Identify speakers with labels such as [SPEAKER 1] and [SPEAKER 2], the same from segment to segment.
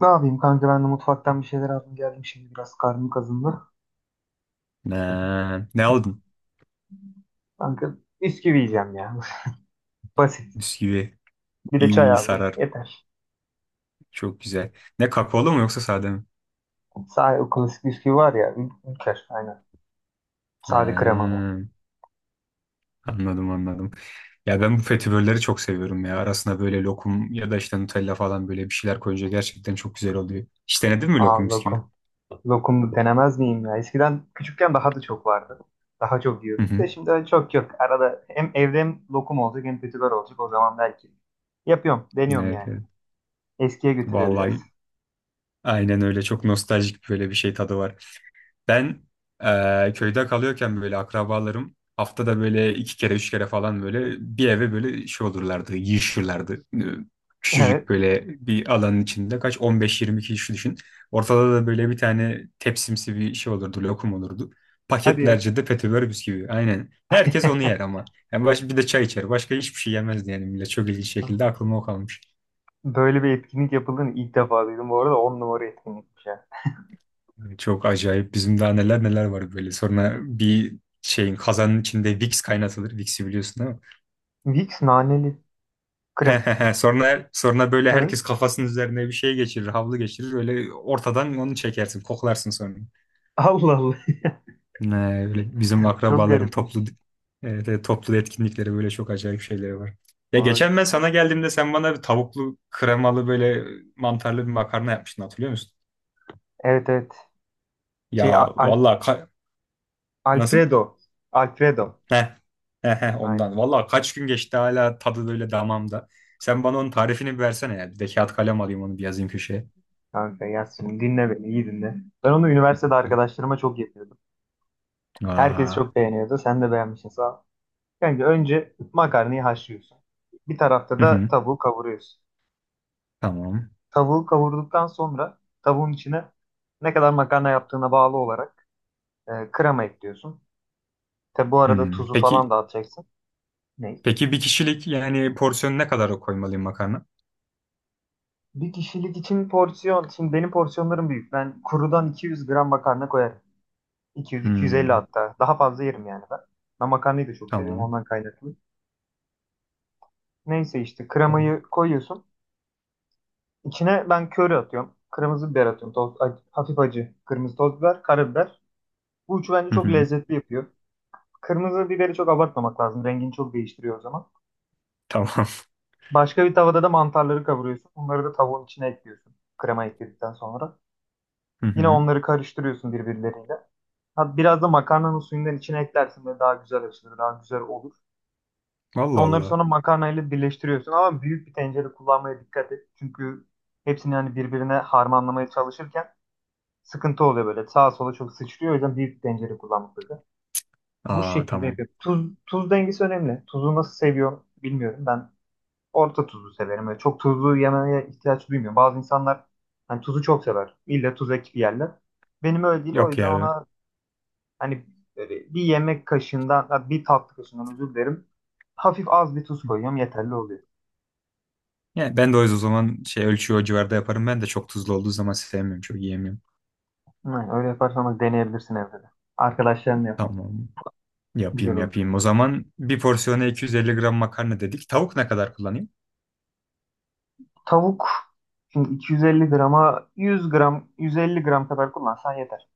[SPEAKER 1] Ne yapayım kanka, ben de mutfaktan bir şeyler aldım geldim, şimdi biraz karnım kazındı.
[SPEAKER 2] Ne aldın?
[SPEAKER 1] Kanka, bisküvi yiyeceğim ya. Basit.
[SPEAKER 2] Bisküvi.
[SPEAKER 1] Bir de
[SPEAKER 2] İyi,
[SPEAKER 1] çay
[SPEAKER 2] iyi
[SPEAKER 1] aldım.
[SPEAKER 2] sarar.
[SPEAKER 1] Yeter.
[SPEAKER 2] Çok güzel. Ne kakaolu mu yoksa sade mi?
[SPEAKER 1] Sade, o klasik bisküvi var ya. Ülker. Aynen. Sade
[SPEAKER 2] Ne,
[SPEAKER 1] kremalı.
[SPEAKER 2] anladım anladım. Ya ben bu fetibörleri çok seviyorum ya. Arasına böyle lokum ya da işte Nutella falan böyle bir şeyler koyunca gerçekten çok güzel oluyor. Hiç denedin mi
[SPEAKER 1] Aa,
[SPEAKER 2] lokum bisküvi?
[SPEAKER 1] lokum. Lokumlu denemez miyim ya? Eskiden küçükken daha da çok vardı. Daha çok
[SPEAKER 2] Hı
[SPEAKER 1] yiyorduk
[SPEAKER 2] hı.
[SPEAKER 1] da şimdi öyle çok yok. Arada hem evde hem lokum olacak hem kötüler olacak. O zaman belki. Yapıyorum. Deniyorum
[SPEAKER 2] Evet,
[SPEAKER 1] yani.
[SPEAKER 2] evet.
[SPEAKER 1] Eskiye götürüyor biraz.
[SPEAKER 2] Vallahi aynen öyle. Çok nostaljik böyle bir şey tadı var. Ben köyde kalıyorken böyle akrabalarım haftada böyle iki kere üç kere falan böyle bir eve böyle şey olurlardı, yığışırlardı. Küçücük
[SPEAKER 1] Evet.
[SPEAKER 2] böyle bir alanın içinde kaç 15 20 kişi düşün. Ortada da böyle bir tane tepsimsi bir şey olurdu, lokum olurdu.
[SPEAKER 1] Hadi ya.
[SPEAKER 2] Paketlerce de petibör bisküvi. Aynen. Herkes onu yer ama. Yani baş, bir de çay içer. Başka hiçbir şey yemezdi yani millet. Çok ilginç şekilde aklıma o kalmış.
[SPEAKER 1] Böyle bir etkinlik yapıldığını ilk defa duydum. Bu arada 10 numara etkinlikmiş ya.
[SPEAKER 2] Çok acayip. Bizim daha neler neler var böyle. Sonra bir şeyin kazanın içinde Vicks kaynatılır. Vicks'i biliyorsun değil mi?
[SPEAKER 1] Vicks naneli krem.
[SPEAKER 2] Sonra böyle herkes
[SPEAKER 1] Evet.
[SPEAKER 2] kafasının üzerine bir şey geçirir, havlu geçirir. Öyle ortadan onu çekersin, koklarsın sonra.
[SPEAKER 1] Allah Allah.
[SPEAKER 2] Öyle bizim
[SPEAKER 1] Çok
[SPEAKER 2] akrabaların toplu,
[SPEAKER 1] garipmiş.
[SPEAKER 2] evet, evet, toplu etkinlikleri böyle çok acayip şeyleri var. Ya
[SPEAKER 1] Vay
[SPEAKER 2] geçen ben sana
[SPEAKER 1] kanka.
[SPEAKER 2] geldiğimde sen bana bir tavuklu, kremalı böyle mantarlı bir makarna yapmıştın, hatırlıyor musun?
[SPEAKER 1] Evet, evet.
[SPEAKER 2] Ya
[SPEAKER 1] Şey,
[SPEAKER 2] vallahi, nasıl?
[SPEAKER 1] Alfredo. Alfredo.
[SPEAKER 2] Heh, heh, heh, ondan.
[SPEAKER 1] Aynen.
[SPEAKER 2] Vallahi kaç gün geçti, hala tadı böyle damamda. Sen bana onun tarifini bir versene ya. Bir de kağıt kalem alayım, onu bir yazayım köşeye.
[SPEAKER 1] Kanka yaz şimdi, dinle beni, iyi dinle. Ben onu üniversitede arkadaşlarıma çok yapıyordum. Herkes
[SPEAKER 2] Aa.
[SPEAKER 1] çok beğeniyordu. Sen de beğenmişsin, sağ ol. Kanka, önce makarnayı haşlıyorsun. Bir tarafta
[SPEAKER 2] Hı
[SPEAKER 1] da
[SPEAKER 2] hı,
[SPEAKER 1] tavuğu kavuruyorsun.
[SPEAKER 2] tamam.
[SPEAKER 1] Tavuğu kavurduktan sonra tavuğun içine, ne kadar makarna yaptığına bağlı olarak, krema ekliyorsun. Tabi bu arada tuzu falan
[SPEAKER 2] Peki
[SPEAKER 1] da atacaksın. Ne?
[SPEAKER 2] peki, bir kişilik yani porsiyon ne kadar koymalıyım makarna?
[SPEAKER 1] Bir kişilik için porsiyon. Şimdi benim porsiyonlarım büyük. Ben kurudan 200 gram makarna koyarım. 200-250
[SPEAKER 2] Hmm,
[SPEAKER 1] hatta. Daha fazla yerim yani ben. Ben makarnayı da çok seviyorum,
[SPEAKER 2] tamam.
[SPEAKER 1] ondan kaynaklı. Neyse, işte
[SPEAKER 2] Tamam.
[SPEAKER 1] kremayı koyuyorsun. İçine ben köri atıyorum. Kırmızı biber atıyorum. Toz, hafif acı. Kırmızı toz biber, karabiber. Bu üçü bence
[SPEAKER 2] Hı
[SPEAKER 1] çok
[SPEAKER 2] hı,
[SPEAKER 1] lezzetli yapıyor. Kırmızı biberi çok abartmamak lazım. Rengini çok değiştiriyor o zaman.
[SPEAKER 2] tamam.
[SPEAKER 1] Başka bir tavada da mantarları kavuruyorsun. Onları da tavuğun içine ekliyorsun, krema ekledikten sonra.
[SPEAKER 2] Hı
[SPEAKER 1] Yine
[SPEAKER 2] hı.
[SPEAKER 1] onları karıştırıyorsun birbirleriyle. Ha, biraz da makarnanın suyundan içine eklersin, de daha güzel açılır, daha güzel olur.
[SPEAKER 2] Allah
[SPEAKER 1] Onları
[SPEAKER 2] Allah.
[SPEAKER 1] sonra makarnayla birleştiriyorsun, ama büyük bir tencere kullanmaya dikkat et. Çünkü hepsini, yani birbirine harmanlamaya çalışırken sıkıntı oluyor böyle. Sağa sola çok sıçrıyor. O yüzden büyük bir tencere kullanmak lazım. Bu
[SPEAKER 2] Aa,
[SPEAKER 1] şekilde
[SPEAKER 2] tamam.
[SPEAKER 1] yapıyorum. Tuz, tuz dengesi önemli. Tuzu nasıl seviyorum bilmiyorum. Ben orta tuzlu severim. Böyle çok tuzlu yemeye ihtiyaç duymuyorum. Bazı insanlar hani tuzu çok sever. İlle tuz ekip yerler. Benim öyle değil. O
[SPEAKER 2] Yok
[SPEAKER 1] yüzden
[SPEAKER 2] ya.
[SPEAKER 1] ona hani, böyle bir yemek kaşığından, ha, bir tatlı kaşığından, özür dilerim. Hafif az bir tuz koyuyorum. Yeterli oluyor.
[SPEAKER 2] Yani ben de o yüzden o zaman şey, ölçüyü o civarda yaparım. Ben de çok tuzlu olduğu zaman sevmiyorum. Çok yiyemiyorum.
[SPEAKER 1] Hı, öyle yaparsanız, deneyebilirsin evde de. Arkadaşlarınla yap.
[SPEAKER 2] Tamam.
[SPEAKER 1] Güzel
[SPEAKER 2] Yapayım
[SPEAKER 1] olur.
[SPEAKER 2] yapayım. O zaman bir porsiyona 250 gram makarna dedik. Tavuk ne kadar kullanayım?
[SPEAKER 1] Tavuk şimdi, 250 grama 100 gram, 150 gram kadar kullansan yeter.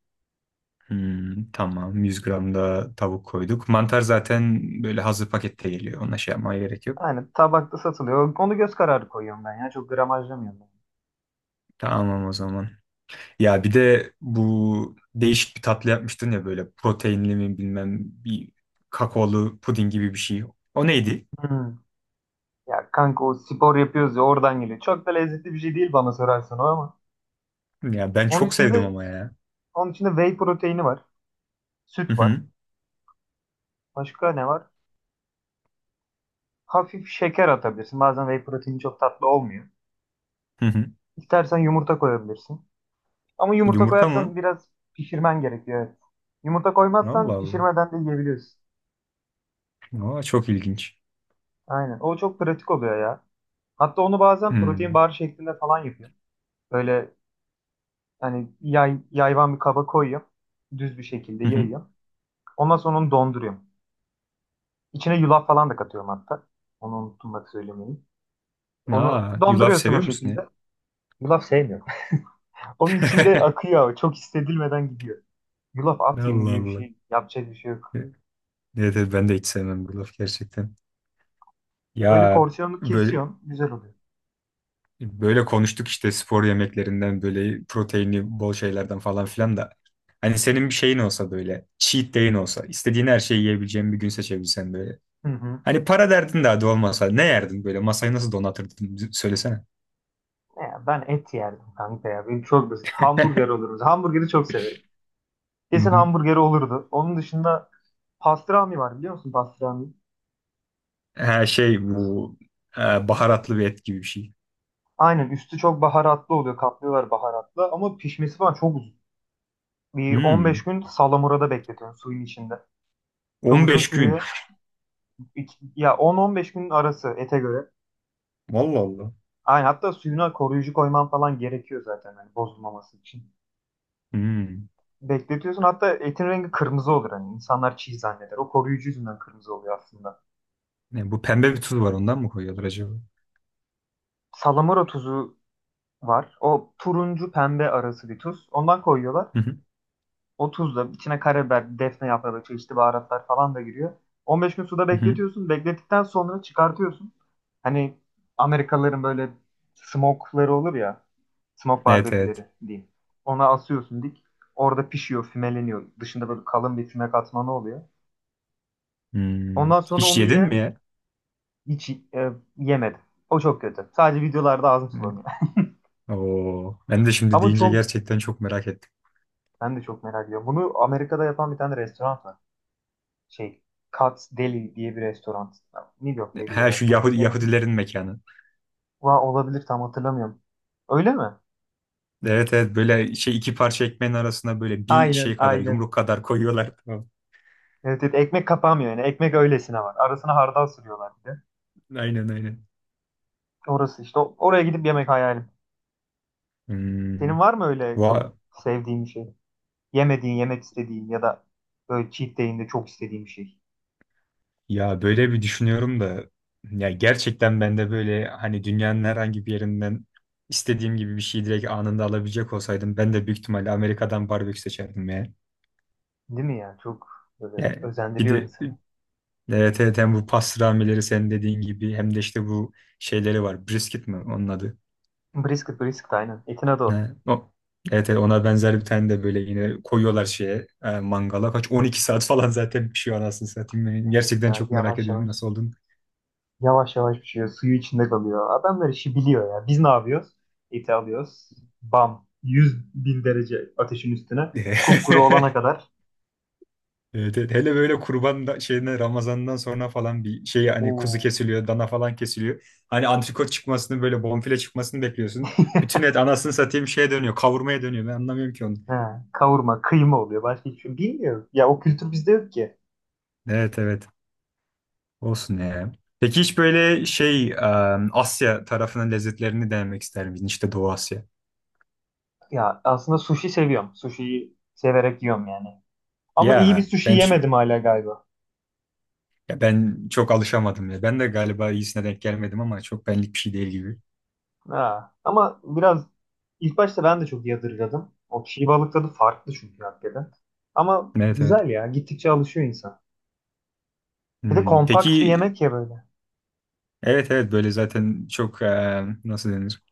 [SPEAKER 2] Hmm, tamam. 100 gram da tavuk koyduk. Mantar zaten böyle hazır pakette geliyor. Ona şey yapmaya gerek yok.
[SPEAKER 1] Yani tabakta satılıyor. Onu göz kararı koyuyorum ben ya. Çok gramajlamıyorum ben.
[SPEAKER 2] Tamam o zaman. Ya bir de bu değişik bir tatlı yapmıştın ya, böyle proteinli mi bilmem, bir kakaolu puding gibi bir şey. O neydi?
[SPEAKER 1] Hmm. Ya kanka, o spor yapıyoruz ya, oradan geliyor. Çok da lezzetli bir şey değil, bana sorarsan o ama.
[SPEAKER 2] Ya ben
[SPEAKER 1] Onun
[SPEAKER 2] çok sevdim
[SPEAKER 1] içinde,
[SPEAKER 2] ama ya.
[SPEAKER 1] onun içinde whey proteini var.
[SPEAKER 2] Hı
[SPEAKER 1] Süt var.
[SPEAKER 2] hı.
[SPEAKER 1] Başka ne var? Hafif şeker atabilirsin. Bazen whey proteini çok tatlı olmuyor.
[SPEAKER 2] Hı hı.
[SPEAKER 1] İstersen yumurta koyabilirsin. Ama yumurta
[SPEAKER 2] Yumurta
[SPEAKER 1] koyarsan
[SPEAKER 2] mı?
[SPEAKER 1] biraz pişirmen gerekiyor. Evet. Yumurta
[SPEAKER 2] Allah
[SPEAKER 1] koymazsan
[SPEAKER 2] Allah.
[SPEAKER 1] pişirmeden de yiyebiliyorsun.
[SPEAKER 2] Aa, çok ilginç.
[SPEAKER 1] Aynen. O çok pratik oluyor ya. Hatta onu bazen protein
[SPEAKER 2] Hmm.
[SPEAKER 1] bar şeklinde falan yapıyorum. Böyle hani, yayvan bir kaba koyuyorum. Düz bir şekilde
[SPEAKER 2] Hı hı.
[SPEAKER 1] yayıyorum. Ondan sonra onu donduruyorum. İçine yulaf falan da katıyorum hatta. Onu unuttum bak söylemeyi. Onu
[SPEAKER 2] Aa, yulaf
[SPEAKER 1] donduruyorsun o
[SPEAKER 2] seviyor musun?
[SPEAKER 1] şekilde. Yulaf sevmiyorum. Onun içinde akıyor ama çok hissedilmeden gidiyor. Yulaf at yemi
[SPEAKER 2] Allah
[SPEAKER 1] gibi bir
[SPEAKER 2] Allah.
[SPEAKER 1] şey. Yapacak bir şey yok.
[SPEAKER 2] Evet evet, ben de hiç sevmem bu laf gerçekten.
[SPEAKER 1] Öyle
[SPEAKER 2] Ya
[SPEAKER 1] porsiyonlu
[SPEAKER 2] böyle
[SPEAKER 1] kesiyorsun. Güzel oluyor.
[SPEAKER 2] böyle konuştuk işte spor yemeklerinden, böyle proteini bol şeylerden falan filan da. Hani senin bir şeyin olsa, böyle cheat day'in olsa, istediğin her şeyi yiyebileceğin bir gün seçebilsen böyle.
[SPEAKER 1] Hı hı.
[SPEAKER 2] Hani para derdin daha da olmasa ne yerdin, böyle masayı nasıl donatırdın, söylesene.
[SPEAKER 1] Ya ben et yerdim kanka ya. Benim çok basit. Hamburger oluruz. Hamburgeri çok severim.
[SPEAKER 2] Hı
[SPEAKER 1] Kesin
[SPEAKER 2] hı.
[SPEAKER 1] hamburgeri olurdu. Onun dışında pastrami var, biliyor musun pastrami?
[SPEAKER 2] Ha şey bu e, baharatlı bir et gibi bir şey.
[SPEAKER 1] Aynen, üstü çok baharatlı oluyor. Kaplıyorlar baharatla, ama pişmesi falan çok uzun. Bir 15
[SPEAKER 2] Hmm.
[SPEAKER 1] gün salamurada bekletiyorsun, suyun içinde. Çok uzun
[SPEAKER 2] 15 gün.
[SPEAKER 1] sürüyor. Ya 10-15 gün arası, ete göre.
[SPEAKER 2] Vallahi Allah.
[SPEAKER 1] Aynen, hatta suyuna koruyucu koyman falan gerekiyor zaten, hani bozulmaması için.
[SPEAKER 2] Hmm.
[SPEAKER 1] Bekletiyorsun, hatta etin rengi kırmızı olur, hani insanlar çiğ zanneder. O koruyucu yüzünden kırmızı oluyor aslında.
[SPEAKER 2] Bu pembe bir tuz var, ondan mı koyuyorlar acaba?
[SPEAKER 1] Salamura tuzu var. O turuncu pembe arası bir tuz. Ondan koyuyorlar.
[SPEAKER 2] Hı hı,
[SPEAKER 1] O tuzla içine karabiber, defne yaprağı, çeşitli baharatlar falan da giriyor. 15 gün suda
[SPEAKER 2] hı hı.
[SPEAKER 1] bekletiyorsun. Beklettikten sonra çıkartıyorsun. Hani Amerikalıların böyle smoke'ları olur ya. Smoke
[SPEAKER 2] Evet evet.
[SPEAKER 1] barbeküleri diyeyim. Ona asıyorsun dik. Orada pişiyor, fümeleniyor. Dışında böyle kalın bir füme katmanı oluyor.
[SPEAKER 2] Hmm.
[SPEAKER 1] Ondan sonra
[SPEAKER 2] Hiç
[SPEAKER 1] onu
[SPEAKER 2] yedin
[SPEAKER 1] yine
[SPEAKER 2] mi ya?
[SPEAKER 1] hiç yemedim. O çok kötü. Sadece videolarda ağzım
[SPEAKER 2] Hı.
[SPEAKER 1] sulanıyor.
[SPEAKER 2] Oo. Ben de şimdi
[SPEAKER 1] Ama
[SPEAKER 2] deyince
[SPEAKER 1] çok,
[SPEAKER 2] gerçekten çok merak ettim.
[SPEAKER 1] ben de çok merak ediyorum. Bunu Amerika'da yapan bir tane restoran var. Şey, Katz Deli diye bir restoran. New York'taydı
[SPEAKER 2] Her
[SPEAKER 1] ya.
[SPEAKER 2] şu
[SPEAKER 1] Tam
[SPEAKER 2] Yahudi,
[SPEAKER 1] hatırlayamadım.
[SPEAKER 2] Yahudilerin mekanı.
[SPEAKER 1] Olabilir, tam hatırlamıyorum. Öyle mi?
[SPEAKER 2] Evet evet, böyle şey, iki parça ekmeğin arasına böyle bir
[SPEAKER 1] Aynen,
[SPEAKER 2] şey kadar,
[SPEAKER 1] aynen.
[SPEAKER 2] yumruk kadar koyuyorlar. Tamam.
[SPEAKER 1] Evet, evet, ekmek kapamıyor yani. Ekmek öylesine var. Arasına hardal sürüyorlar bir de.
[SPEAKER 2] Aynen aynen.
[SPEAKER 1] Orası işte. Oraya gidip yemek hayalim. Senin
[SPEAKER 2] Hmm.
[SPEAKER 1] var mı öyle çok
[SPEAKER 2] Va-
[SPEAKER 1] sevdiğin bir şey? Yemediğin, yemek istediğin, ya da böyle cheat day'inde çok istediğin bir şey.
[SPEAKER 2] Ya böyle bir düşünüyorum da, ya gerçekten ben de böyle hani dünyanın herhangi bir yerinden istediğim gibi bir şeyi direkt anında alabilecek olsaydım, ben de büyük ihtimalle Amerika'dan barbekü seçerdim ya.
[SPEAKER 1] Değil mi ya? Çok böyle
[SPEAKER 2] Yani bir
[SPEAKER 1] özendiriyor
[SPEAKER 2] de,
[SPEAKER 1] insanı.
[SPEAKER 2] evet, evet, hem bu pastramileri senin dediğin gibi, hem de işte bu şeyleri var. Brisket mi onun adı?
[SPEAKER 1] Brisket, brisket, aynen. Etin adı o.
[SPEAKER 2] Ne? O. Evet, evet, ona benzer bir tane de böyle yine koyuyorlar şeye, mangala. Kaç, 12 saat falan zaten pişiyor anasını satayım. Ben
[SPEAKER 1] Evet
[SPEAKER 2] gerçekten
[SPEAKER 1] ya,
[SPEAKER 2] çok merak
[SPEAKER 1] yavaş
[SPEAKER 2] ediyorum
[SPEAKER 1] yavaş.
[SPEAKER 2] nasıl olduğunu.
[SPEAKER 1] Yavaş yavaş pişiyor. Suyu içinde kalıyor. Adamlar işi biliyor ya. Biz ne yapıyoruz? Eti alıyoruz. Bam. 100.000 derece ateşin üstüne. Kupkuru olana kadar.
[SPEAKER 2] Evet, evet. Hele böyle kurban da, şeyine Ramazan'dan sonra falan bir şey, hani kuzu
[SPEAKER 1] Oo.
[SPEAKER 2] kesiliyor, dana falan kesiliyor. Hani antrikot çıkmasını, böyle bonfile çıkmasını bekliyorsun. Bütün et anasını satayım şeye dönüyor, kavurmaya dönüyor. Ben anlamıyorum ki onu.
[SPEAKER 1] He, kavurma, kıyma oluyor. Başka hiçbir şey bilmiyoruz. Ya o kültür bizde yok ki.
[SPEAKER 2] Evet evet. Olsun ya. Peki, hiç böyle şey, Asya tarafının lezzetlerini denemek ister miydin? İşte Doğu Asya.
[SPEAKER 1] Ya aslında sushi seviyorum. Sushi'yi severek yiyorum yani. Ama iyi bir
[SPEAKER 2] Ya
[SPEAKER 1] sushi
[SPEAKER 2] ben ç-
[SPEAKER 1] yemedim hala galiba.
[SPEAKER 2] ya ben çok alışamadım ya. Ben de galiba iyisine denk gelmedim, ama çok benlik bir şey değil gibi.
[SPEAKER 1] Ha. Ama biraz, ilk başta ben de çok yadırgadım. O çiğ balık tadı farklı çünkü, hakikaten. Ama
[SPEAKER 2] Evet evet.
[SPEAKER 1] güzel ya. Gittikçe alışıyor insan. Bir de kompakt bir
[SPEAKER 2] Peki.
[SPEAKER 1] yemek ya böyle.
[SPEAKER 2] Evet evet, böyle zaten çok, nasıl denir?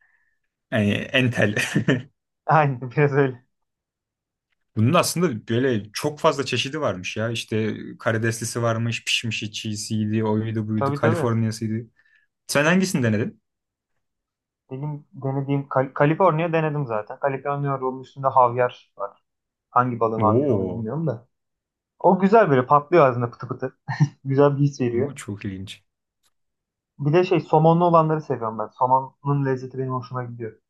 [SPEAKER 2] Yani entel.
[SPEAKER 1] Aynen, biraz öyle.
[SPEAKER 2] Bunun aslında böyle çok fazla çeşidi varmış ya. İşte karideslisi varmış, pişmişi, çiğsiydi, oydu buydu,
[SPEAKER 1] Tabii, tabii.
[SPEAKER 2] Kaliforniyasıydı. Sen hangisini denedin?
[SPEAKER 1] Benim denediğim, Kaliforniya denedim zaten. Kaliforniya rolun üstünde havyar var. Hangi balığın havyarı, onu
[SPEAKER 2] Oo,
[SPEAKER 1] bilmiyorum da. O güzel, böyle patlıyor ağzında, pıtı pıtı. Güzel bir his veriyor.
[SPEAKER 2] o çok ilginç.
[SPEAKER 1] Bir de şey, somonlu olanları seviyorum ben. Somonun lezzeti benim hoşuma gidiyor.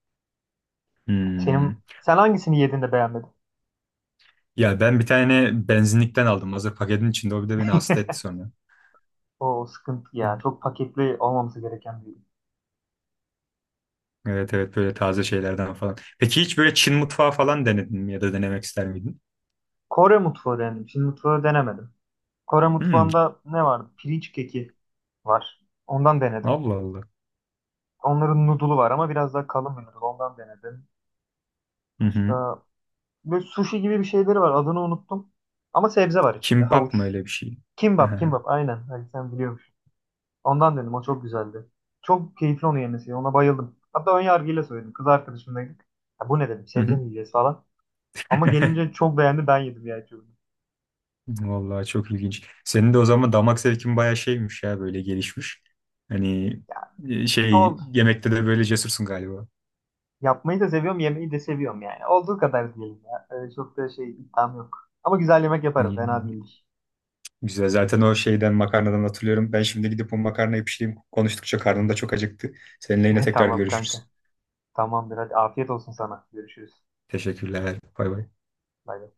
[SPEAKER 2] Hmm.
[SPEAKER 1] Senin, sen hangisini yedin de beğenmedin?
[SPEAKER 2] Ya ben bir tane benzinlikten aldım. Hazır paketin içinde. O bir de beni hasta etti sonra.
[SPEAKER 1] O sıkıntı ya. Çok paketli olmaması gereken bir.
[SPEAKER 2] Evet evet, böyle taze şeylerden falan. Peki hiç böyle Çin mutfağı falan denedin mi, ya da denemek ister miydin?
[SPEAKER 1] Kore mutfağı denedim. Çin mutfağı denemedim. Kore
[SPEAKER 2] Hmm,
[SPEAKER 1] mutfağında ne vardı? Pirinç keki var. Ondan denedim.
[SPEAKER 2] Allah Allah.
[SPEAKER 1] Onların noodle'u var, ama biraz daha kalın bir noodle. Ondan denedim.
[SPEAKER 2] Hı hı.
[SPEAKER 1] Başka, böyle sushi gibi bir şeyleri var. Adını unuttum. Ama sebze var içinde.
[SPEAKER 2] Kimbap
[SPEAKER 1] Havuç.
[SPEAKER 2] mı öyle bir şey?
[SPEAKER 1] Kimbap,
[SPEAKER 2] Hı
[SPEAKER 1] kimbap. Aynen. Ali, sen biliyormuş. Ondan dedim, o çok güzeldi. Çok keyifli onu yemesi. Ona bayıldım. Hatta ön yargıyla söyledim. Kız arkadaşımdaydık. Ya bu ne dedim, sebze
[SPEAKER 2] hı.
[SPEAKER 1] mi yiyeceğiz falan. Ama gelince çok beğendi, ben yedim ya çocuğum.
[SPEAKER 2] Vallahi çok ilginç. Senin de o zaman damak zevkin bayağı şeymiş ya, böyle gelişmiş. Hani
[SPEAKER 1] Ya,
[SPEAKER 2] şey,
[SPEAKER 1] oldu.
[SPEAKER 2] yemekte de böyle cesursun galiba.
[SPEAKER 1] Yapmayı da seviyorum, yemeyi de seviyorum yani. Olduğu kadar diyelim ya. Öyle çok da şey, iddiam yok. Ama güzel yemek yaparım, fena
[SPEAKER 2] Hani
[SPEAKER 1] değildir.
[SPEAKER 2] güzel zaten, o şeyden makarnadan hatırlıyorum. Ben şimdi gidip o makarnayı pişireyim. Konuştukça karnım da çok acıktı. Seninle yine tekrar
[SPEAKER 1] Tamam kanka.
[SPEAKER 2] görüşürüz.
[SPEAKER 1] Tamamdır, hadi afiyet olsun sana. Görüşürüz.
[SPEAKER 2] Teşekkürler. Bay bay.
[SPEAKER 1] Bay bay.